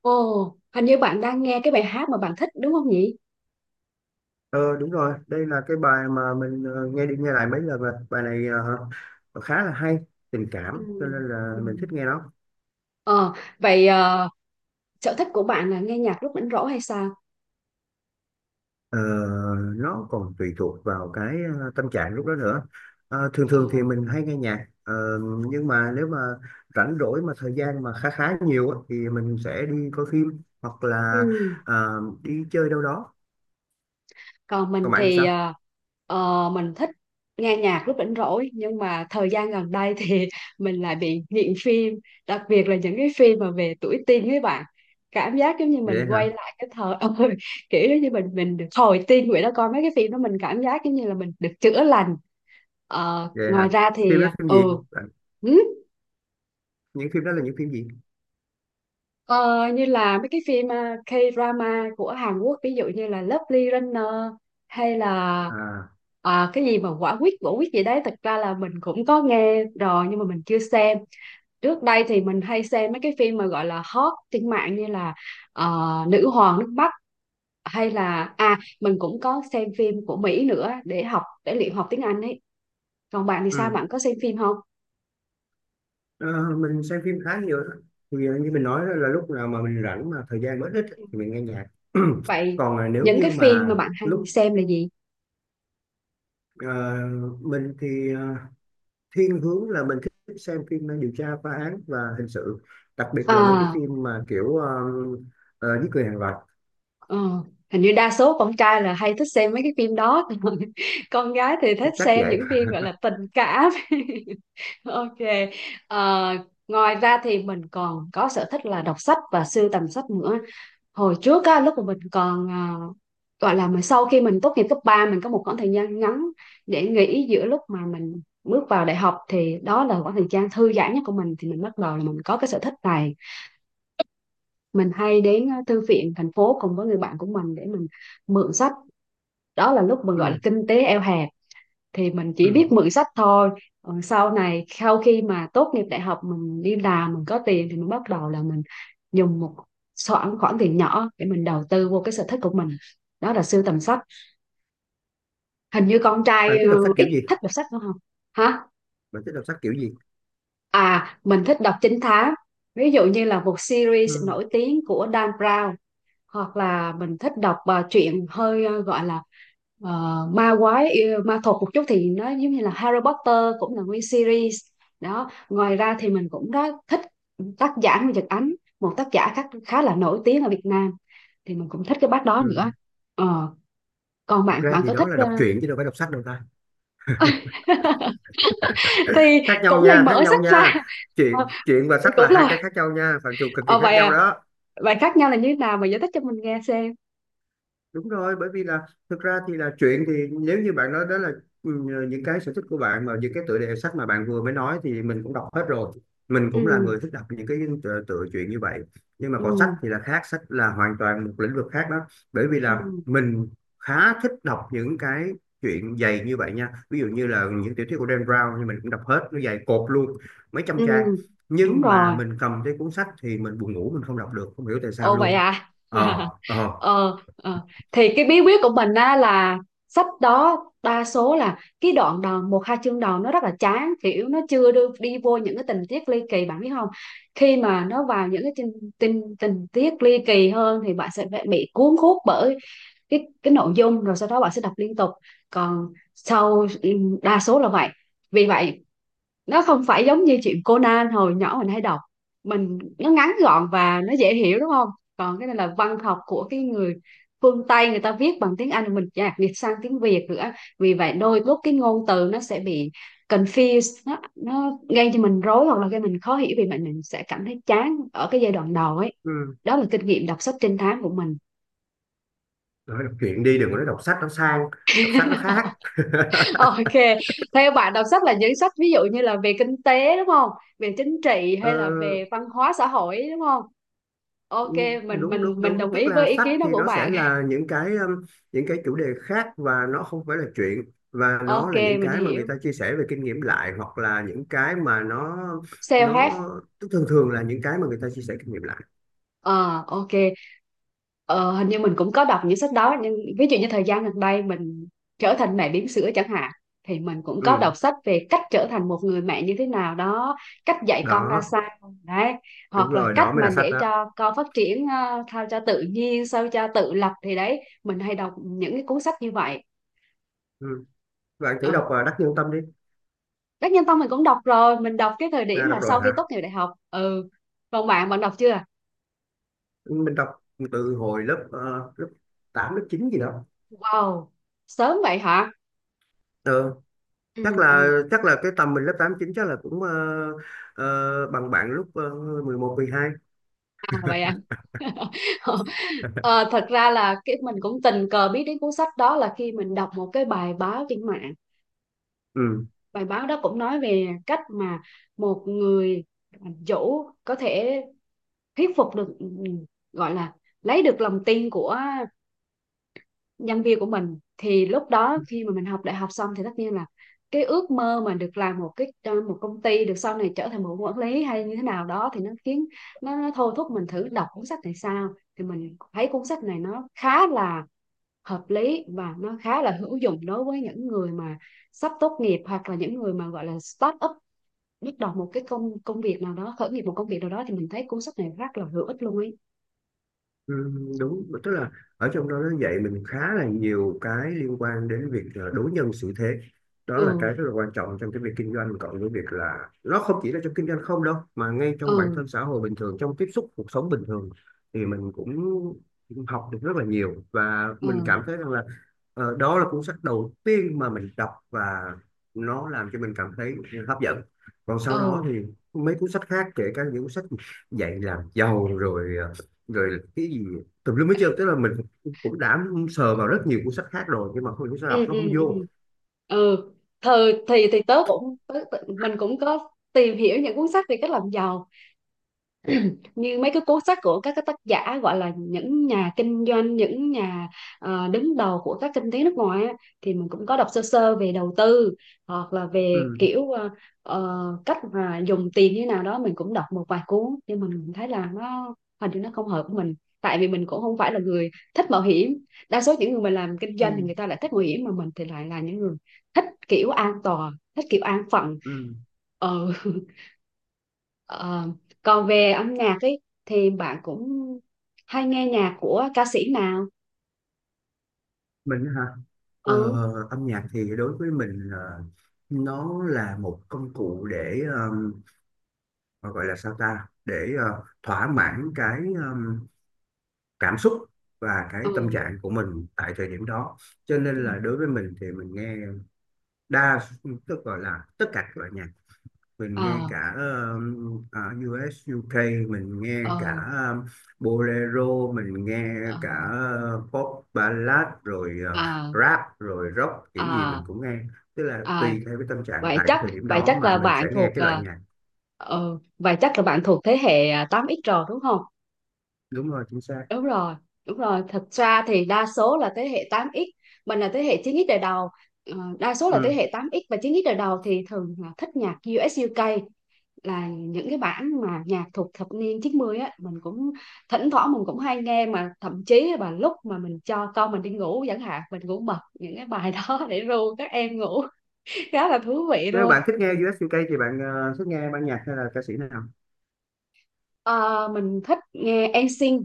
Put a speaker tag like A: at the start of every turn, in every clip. A: Ồ, hình như bạn đang nghe cái bài hát mà bạn thích đúng không nhỉ?
B: Ờ đúng rồi, đây là cái bài mà mình nghe đi nghe lại mấy lần rồi. Bài này khá là hay, tình
A: Ừ.
B: cảm cho nên là
A: Ừ.
B: mình thích nghe nó.
A: Ờ, vậy sở thích của bạn là nghe nhạc lúc rảnh rỗi hay sao?
B: Ờ, nó còn tùy thuộc vào cái tâm trạng lúc đó nữa. Thường
A: Ờ.
B: thường thì mình hay nghe nhạc, nhưng mà nếu mà rảnh rỗi mà thời gian mà khá khá nhiều á, thì mình sẽ đi coi phim hoặc là
A: Ừ.
B: đi chơi đâu đó.
A: Còn mình
B: Còn bạn thì
A: thì
B: sao?
A: mình thích nghe nhạc lúc rảnh rỗi, nhưng mà thời gian gần đây thì mình lại bị nghiện phim, đặc biệt là những cái phim mà về tuổi teen với bạn. Cảm giác giống như mình
B: Vậy hả?
A: quay lại cái thời ơi, kiểu giống như mình được hồi teen vậy đó, coi mấy cái phim đó mình cảm giác giống như là mình được chữa lành. Ờ,
B: Vậy
A: ngoài
B: hả?
A: ra
B: Phim
A: thì
B: đó phim gì?
A: ừ
B: Bạn-
A: ừ,
B: Những phim đó là những phim gì?
A: ờ, như là mấy cái phim K-drama của Hàn Quốc, ví dụ như là Lovely Runner, hay là
B: À,
A: cái gì mà quả quyết gì đấy, thật ra là mình cũng có nghe rồi nhưng mà mình chưa xem. Trước đây thì mình hay xem mấy cái phim mà gọi là hot trên mạng như là ờ, Nữ hoàng nước Bắc, hay là à, mình cũng có xem phim của Mỹ nữa để học, để luyện học tiếng Anh ấy. Còn bạn thì sao,
B: ừ.
A: bạn có xem phim không?
B: Ờ, mình xem phim khá nhiều đó. Thì như mình nói đó là lúc nào mà mình rảnh mà thời gian mới ít ấy, thì mình nghe nhạc.
A: Vậy
B: Còn là nếu
A: những
B: như
A: cái phim mà
B: mà
A: bạn hay
B: lúc
A: xem là gì?
B: ờ, mình thì thiên hướng là mình thích xem phim điều tra phá án và hình sự, đặc biệt là mấy cái
A: À,
B: phim mà kiểu giết người hàng loạt.
A: ờ, hình như đa số con trai là hay thích xem mấy cái phim đó. Còn con gái thì thích
B: Chắc
A: xem
B: vậy.
A: những phim gọi là tình cảm. Ok. Ờ, ngoài ra thì mình còn có sở thích là đọc sách và sưu tầm sách nữa. Hồi trước á, lúc mà mình còn à, gọi là mình sau khi mình tốt nghiệp cấp ba, mình có một khoảng thời gian ngắn để nghỉ giữa lúc mà mình bước vào đại học, thì đó là khoảng thời gian thư giãn nhất của mình, thì mình bắt đầu là mình có cái sở thích này. Mình hay đến thư viện thành phố cùng với người bạn của mình để mình mượn sách. Đó là lúc mình gọi là
B: Ừ,
A: kinh tế eo hẹp, thì mình chỉ
B: ừ.
A: biết mượn sách thôi. Ờ, sau này sau khi mà tốt nghiệp đại học mình đi làm, mình có tiền thì mình bắt đầu là mình dùng một khoản khoản tiền nhỏ để mình đầu tư vô cái sở thích của mình, đó là sưu tầm sách. Hình như con trai
B: Bạn thích đọc sách kiểu
A: ít
B: gì?
A: thích đọc sách đúng không? Hả?
B: Bạn thích đọc sách kiểu gì?
A: À, mình thích đọc trinh thám, ví dụ như là một series
B: Ừ,
A: nổi tiếng của Dan Brown, hoặc là mình thích đọc truyện hơi gọi là ờ, ma quái yêu- ma thuật một chút, thì nó giống như là Harry Potter, cũng là nguyên series đó. Ngoài ra thì mình cũng đã thích tác giả Nguyễn Nhật Ánh, một tác giả khá là nổi tiếng ở Việt Nam, thì mình cũng thích cái bác đó
B: ừ.
A: nữa. Ờ, còn
B: Thực
A: bạn,
B: ra
A: bạn
B: thì
A: có
B: đó
A: thích
B: là đọc truyện chứ đâu phải đọc sách đâu ta.
A: thì
B: Khác nhau
A: cũng lại
B: nha, khác
A: mở
B: nhau
A: sách ra.
B: nha.
A: Ờ,
B: Chuyện chuyện và
A: thì
B: sách là
A: cũng
B: hai cái
A: là
B: khác nhau nha, phạm trù cực kỳ khác
A: vậy
B: nhau
A: à,
B: đó.
A: vậy khác nhau là như thế nào, mà giải thích cho mình nghe xem.
B: Đúng rồi, bởi vì là thực ra thì là chuyện thì nếu như bạn nói đó là, ừ, những cái sở thích của bạn mà những cái tựa đề sách mà bạn vừa mới nói thì mình cũng đọc hết rồi. Mình cũng là
A: Ừ.
B: người thích đọc những cái tựa chuyện như vậy. Nhưng mà còn sách
A: ừ
B: thì là khác, sách là hoàn toàn một lĩnh vực khác đó. Bởi vì là
A: ừ
B: mình khá thích đọc những cái chuyện dày như vậy nha, ví dụ như là những tiểu thuyết của Dan Brown thì mình cũng đọc hết, nó dày cột luôn, mấy trăm
A: ừ
B: trang.
A: ừ, đúng
B: Nhưng
A: rồi.
B: mà mình cầm cái cuốn sách thì mình buồn ngủ, mình không đọc được, không hiểu tại sao
A: Ồ vậy
B: luôn.
A: à?
B: ờ ờ
A: ờ, ờ. Thì cái bí quyết của mình á là sách đó đa số là cái đoạn đầu, một hai chương đầu nó rất là chán, kiểu nó chưa đưa đi vô những cái tình tiết ly kỳ, bạn biết không? Khi mà nó vào những cái tình tình, tình tiết ly kỳ hơn thì bạn sẽ phải bị cuốn hút bởi cái nội dung, rồi sau đó bạn sẽ đọc liên tục. Còn sau ừ, đa số là vậy. Vì vậy nó không phải giống như chuyện Conan hồi nhỏ mình hay đọc, mình nó ngắn gọn và nó dễ hiểu đúng không? Còn cái này là văn học của cái người phương Tây, người ta viết bằng tiếng Anh rồi mình dịch dịch sang tiếng Việt nữa, vì vậy đôi lúc cái ngôn từ nó sẽ bị confused, nó gây cho mình rối hoặc là gây mình khó hiểu, vì vậy mình sẽ cảm thấy chán ở cái giai đoạn đầu ấy.
B: ừ.
A: Đó là kinh nghiệm đọc sách trinh thám của mình.
B: Nói đọc truyện đi, đừng có nói đọc sách nó sang. Đọc sách nó khác.
A: Ok, theo bạn đọc sách là những sách ví dụ như là về kinh tế đúng không? Về chính trị
B: Ờ,
A: hay là về văn hóa xã hội đúng không? Ok, mình
B: Đúng
A: mình
B: đúng
A: mình
B: đúng,
A: đồng
B: tức
A: ý
B: là
A: với ý
B: sách
A: kiến đó
B: thì
A: của
B: nó sẽ
A: bạn.
B: là những cái chủ đề khác và nó không phải là chuyện, và nó
A: Ok,
B: là những
A: mình
B: cái mà người
A: hiểu.
B: ta chia sẻ về kinh nghiệm lại hoặc là những cái mà nó
A: Self-help.
B: nó tức thường thường là những cái mà người ta chia sẻ kinh nghiệm lại.
A: Ờ, ok. Ờ, hình như mình cũng có đọc những sách đó, nhưng ví dụ như thời gian gần đây mình trở thành mẹ bỉm sữa chẳng hạn, thì mình cũng có
B: Ừ,
A: đọc sách về cách trở thành một người mẹ như thế nào đó, cách dạy con ra
B: đó
A: sao đấy,
B: đúng
A: hoặc là
B: rồi
A: cách
B: đó mới
A: mà
B: là sách
A: để
B: đó.
A: cho con phát triển sao cho tự nhiên, sao cho tự lập, thì đấy mình hay đọc những cái cuốn sách như vậy.
B: Ừ. Bạn thử đọc
A: Ừ.
B: Đắc Nhân Tâm đi.
A: Đắc Nhân Tông mình cũng đọc rồi, mình đọc cái thời
B: À,
A: điểm
B: đọc
A: mà
B: rồi
A: sau khi tốt
B: hả?
A: nghiệp đại học. Ừ, còn bạn, bạn đọc chưa?
B: Mình đọc từ hồi lớp lớp 8 lớp 9 gì đó.
A: Wow, sớm vậy hả?
B: Ờ,
A: ừ, ừ.
B: chắc là cái tầm mình lớp tám chín chắc là cũng bằng bạn lúc 11 12.
A: À, vậy à. Ờ, thật ra là cái mình cũng tình cờ biết đến cuốn sách đó là khi mình đọc một cái bài báo trên mạng.
B: Ừ.
A: Bài báo đó cũng nói về cách mà một người chủ có thể thuyết phục được ừ, gọi là lấy được lòng tin của nhân viên của mình, thì lúc đó khi mà mình học đại học xong thì tất nhiên là cái ước mơ mà được làm một cái một công ty được, sau này trở thành một quản lý hay như thế nào đó, thì nó khiến nó thôi thúc mình thử đọc cuốn sách này sao. Thì mình thấy cuốn sách này nó khá là hợp lý, và nó khá là hữu dụng đối với những người mà sắp tốt nghiệp, hoặc là những người mà gọi là start up, bắt đầu một cái công công việc nào đó, khởi nghiệp một công việc nào đó, thì mình thấy cuốn sách này rất là hữu ích luôn ấy.
B: Ừ, đúng, tức là ở trong đó nó dạy mình khá là nhiều cái liên quan đến việc đối nhân xử thế, đó là
A: ừ
B: cái rất là quan trọng trong cái việc kinh doanh, cộng với việc là nó không chỉ là trong kinh doanh không đâu mà ngay trong bản
A: ừ
B: thân xã hội bình thường, trong tiếp xúc cuộc sống bình thường. Thì mình cũng học được rất là nhiều và
A: ừ
B: mình cảm thấy rằng là đó là cuốn sách đầu tiên mà mình đọc và nó làm cho mình cảm thấy hấp dẫn. Còn sau đó
A: ừ
B: thì mấy cuốn sách khác, kể cả những cuốn sách dạy làm giàu rồi rồi cái gì tùm lum hết trơn, tức là mình cũng đã sờ vào rất nhiều cuốn sách khác rồi nhưng mà không, cũng sao đọc
A: ừ
B: nó
A: ừ
B: không vô.
A: ừ ừ thời thì tớ cũng tớ, tớ- mình cũng có tìm hiểu những cuốn sách về cách làm giàu, như mấy cái cuốn sách của các cái tác giả gọi là những nhà kinh doanh, những nhà đứng đầu của các kinh tế nước ngoài á, thì mình cũng có đọc sơ sơ về đầu tư, hoặc là về
B: Ừ,
A: kiểu cách mà dùng tiền như thế nào đó, mình cũng đọc một vài cuốn nhưng mình thấy là nó, hình như nó không hợp với mình, tại vì mình cũng không phải là người thích mạo hiểm. Đa số những người mà làm kinh
B: ừ,
A: doanh thì người ta lại thích mạo hiểm, mà mình thì lại là những người thích kiểu an toàn, thích kiểu an phận.
B: ừ.
A: ờ Ờ, còn về âm nhạc ấy, thì bạn cũng hay nghe nhạc của ca sĩ nào?
B: Mình hả? ờ,
A: Ừ,
B: Âm nhạc thì đối với mình nó là một công cụ để ờ, gọi là sao ta, để thỏa mãn cái cảm xúc và cái tâm
A: ừ,
B: trạng của mình tại thời điểm đó. Cho
A: ừ,
B: nên là đối với mình thì mình nghe đa tức gọi là tất cả các loại nhạc. Mình nghe
A: ờ,
B: cả US UK, mình nghe
A: ờ,
B: cả bolero, mình nghe
A: ờ,
B: cả pop ballad rồi
A: ờ,
B: rap rồi rock, kiểu gì
A: ờ,
B: mình cũng nghe. Tức là
A: ờ.
B: tùy theo cái tâm trạng
A: Vậy
B: tại cái
A: chắc
B: thời điểm
A: vậy
B: đó
A: chắc
B: mà
A: là
B: mình
A: bạn
B: sẽ nghe
A: thuộc
B: cái loại
A: ờ,
B: nhạc.
A: ừ, vậy chắc là bạn thuộc thế hệ à, 8X rồi đúng không?
B: Đúng rồi, chính xác.
A: Đúng rồi, đúng rồi. Thật ra thì đa số là thế hệ 8X, mình là thế hệ 9X đời đầu. Ờ, đa số là thế
B: Ừ.
A: hệ 8X và 9X đời đầu thì thường là thích nhạc US UK, là những cái bản mà nhạc thuộc thập niên 90 á. Mình cũng thỉnh thoảng mình cũng hay nghe, mà thậm chí là lúc mà mình cho con mình đi ngủ chẳng hạn, mình cũng bật những cái bài đó để ru các em ngủ. Khá là thú vị
B: Nếu
A: luôn.
B: bạn thích nghe US UK thì bạn thích nghe ban nhạc hay là ca sĩ nào?
A: Ờ, mình thích nghe NSYNC,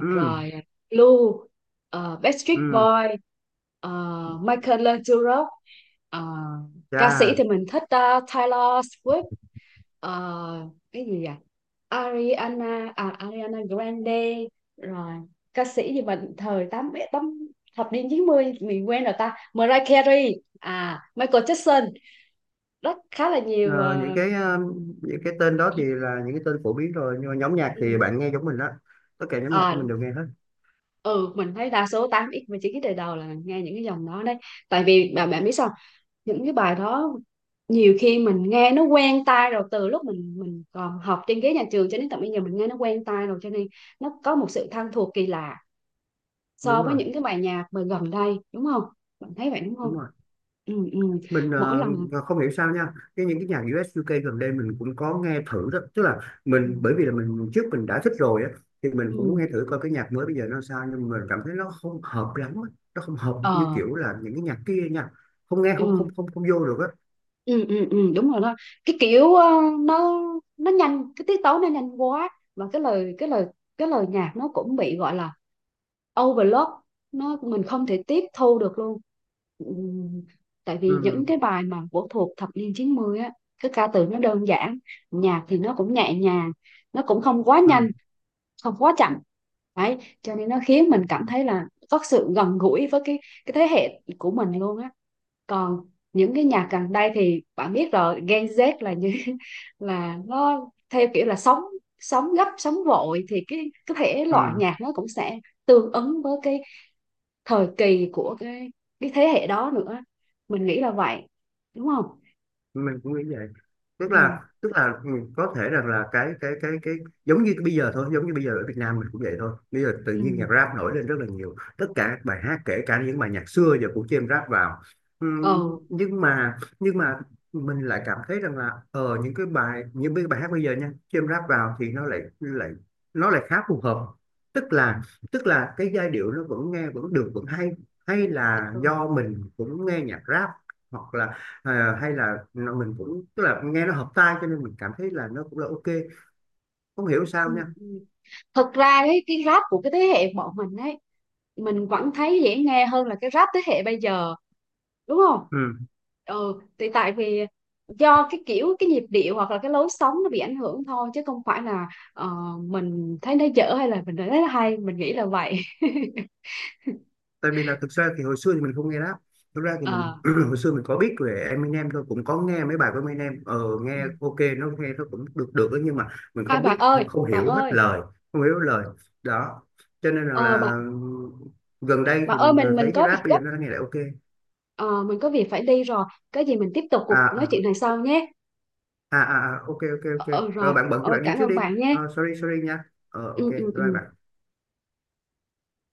B: Ừ,
A: rồi Blue, Backstreet
B: ừ.
A: Boy, ờ, Michael Learns to Rock. Ờ, ca sĩ
B: Chà.
A: thì mình thích Taylor Swift. Ờ, cái gì à, Ariana Grande, rồi ca sĩ gì mà thời tám tám, thập niên 90 mình quen rồi ta, Mariah Carey, à Michael Jackson, rất khá là nhiều.
B: Ờ, những
A: Ờ,
B: cái những cái tên đó thì là những cái tên phổ biến rồi, nhưng mà nhóm nhạc thì
A: Ừ.
B: bạn nghe giống mình đó, tất cả nhóm nhạc của mình
A: Ờ,
B: đều nghe hết.
A: ừ mình thấy đa số tám x và 9x đời đầu là nghe những cái dòng đó đấy, tại vì bạn, bạn biết sao, những cái bài đó nhiều khi mình nghe nó quen tai rồi, từ lúc mình còn học trên ghế nhà trường cho đến tận bây giờ mình nghe nó quen tai rồi, cho nên nó có một sự thân thuộc kỳ lạ so
B: Đúng
A: với
B: rồi,
A: những cái bài nhạc mà gần đây đúng không? Bạn thấy vậy đúng không?
B: đúng rồi.
A: Ừ.
B: Mình
A: Mỗi lần
B: và không hiểu sao nha, cái những cái nhạc US UK gần đây mình cũng có nghe thử đó, tức là
A: ừ
B: mình, bởi vì là mình trước mình đã thích rồi á, thì mình cũng muốn
A: ừ
B: nghe thử coi cái nhạc mới bây giờ nó sao, nhưng mà mình cảm thấy nó không hợp lắm á. Nó không hợp như
A: ờ
B: kiểu là những cái nhạc kia nha, không nghe không,
A: ừ.
B: không vô được á.
A: Ừ đúng rồi đó. Cái kiểu nó nó nhanh, cái tiết tấu nó nhanh quá, và cái lời nhạc nó cũng bị gọi là overload, nó mình không thể tiếp thu được luôn. Ừ, tại vì
B: Ừ
A: những cái bài mà của thuộc thập niên 90 á, cái ca từ nó đơn giản, nhạc thì nó cũng nhẹ nhàng, nó cũng không quá
B: ừ
A: nhanh, không quá chậm, đấy cho nên nó khiến mình cảm thấy là có sự gần gũi với cái thế hệ của mình luôn á. Còn những cái nhạc gần đây thì bạn biết rồi, Gen Z là như là nó theo kiểu là sống, sống gấp sống vội, thì cái thể
B: ừ.
A: loại nhạc nó cũng sẽ tương ứng với cái thời kỳ của cái thế hệ đó nữa, mình nghĩ là vậy đúng không?
B: Mình cũng nghĩ vậy, tức
A: ừ
B: là tức là ừ, có thể rằng là cái giống như bây giờ thôi, giống như bây giờ ở Việt Nam mình cũng vậy thôi, bây giờ tự
A: ừ
B: nhiên nhạc rap nổi lên rất là nhiều, tất cả các bài hát kể cả những bài nhạc xưa giờ cũng chêm rap vào. Ừ,
A: ừ,
B: nhưng mà mình lại cảm thấy rằng là ờ những cái bài hát bây giờ nha chêm rap vào thì nó lại lại nó lại khá phù hợp, tức là tức là cái giai điệu nó vẫn nghe vẫn được vẫn hay, hay là
A: ừ.
B: do mình cũng nghe nhạc rap, hoặc là à, hay là nó- mình cũng tức là nghe nó hợp tai cho nên mình cảm thấy là nó cũng là ok, không hiểu sao
A: ừ.
B: nha.
A: Thật ra đấy, cái rap của cái thế hệ bọn mình ấy, mình vẫn thấy dễ nghe hơn là cái rap thế hệ bây giờ đúng không?
B: Ừ.
A: Ừ, thì tại vì do cái kiểu cái nhịp điệu hoặc là cái lối sống nó bị ảnh hưởng thôi, chứ không phải là ờ, mình thấy nó dở hay là mình thấy nó hay, mình nghĩ là vậy.
B: Tại vì là thực ra thì hồi xưa thì mình không nghe rap, thực ra thì mình
A: à,
B: hồi xưa mình có biết về Eminem thôi, cũng có nghe mấy bài của Eminem, ờ nghe ok, nó nghe nó cũng được được đó, nhưng mà mình không biết,
A: bạn ơi,
B: không hiểu
A: bạn
B: hết
A: ơi,
B: lời, không hiểu hết lời đó, cho nên là,
A: ờ,
B: là
A: bạn
B: gần đây
A: bạn
B: thì
A: ơi,
B: mình
A: mình mình
B: thấy cái
A: có
B: rap
A: việc
B: bây
A: gấp.
B: giờ nó nghe lại ok.
A: Ờ, mình có việc phải đi rồi, cái gì mình tiếp tục
B: À
A: cuộc nói chuyện
B: à,
A: này sau nhé.
B: à à, à, ok ok ok.
A: Ờ,
B: Rồi
A: rồi.
B: bạn bận thì
A: Ờ,
B: bạn đi
A: cảm
B: trước
A: ơn
B: đi.
A: bạn nhé.
B: Ờ, sorry sorry nha, ờ ok,
A: Ừ.
B: bye bạn.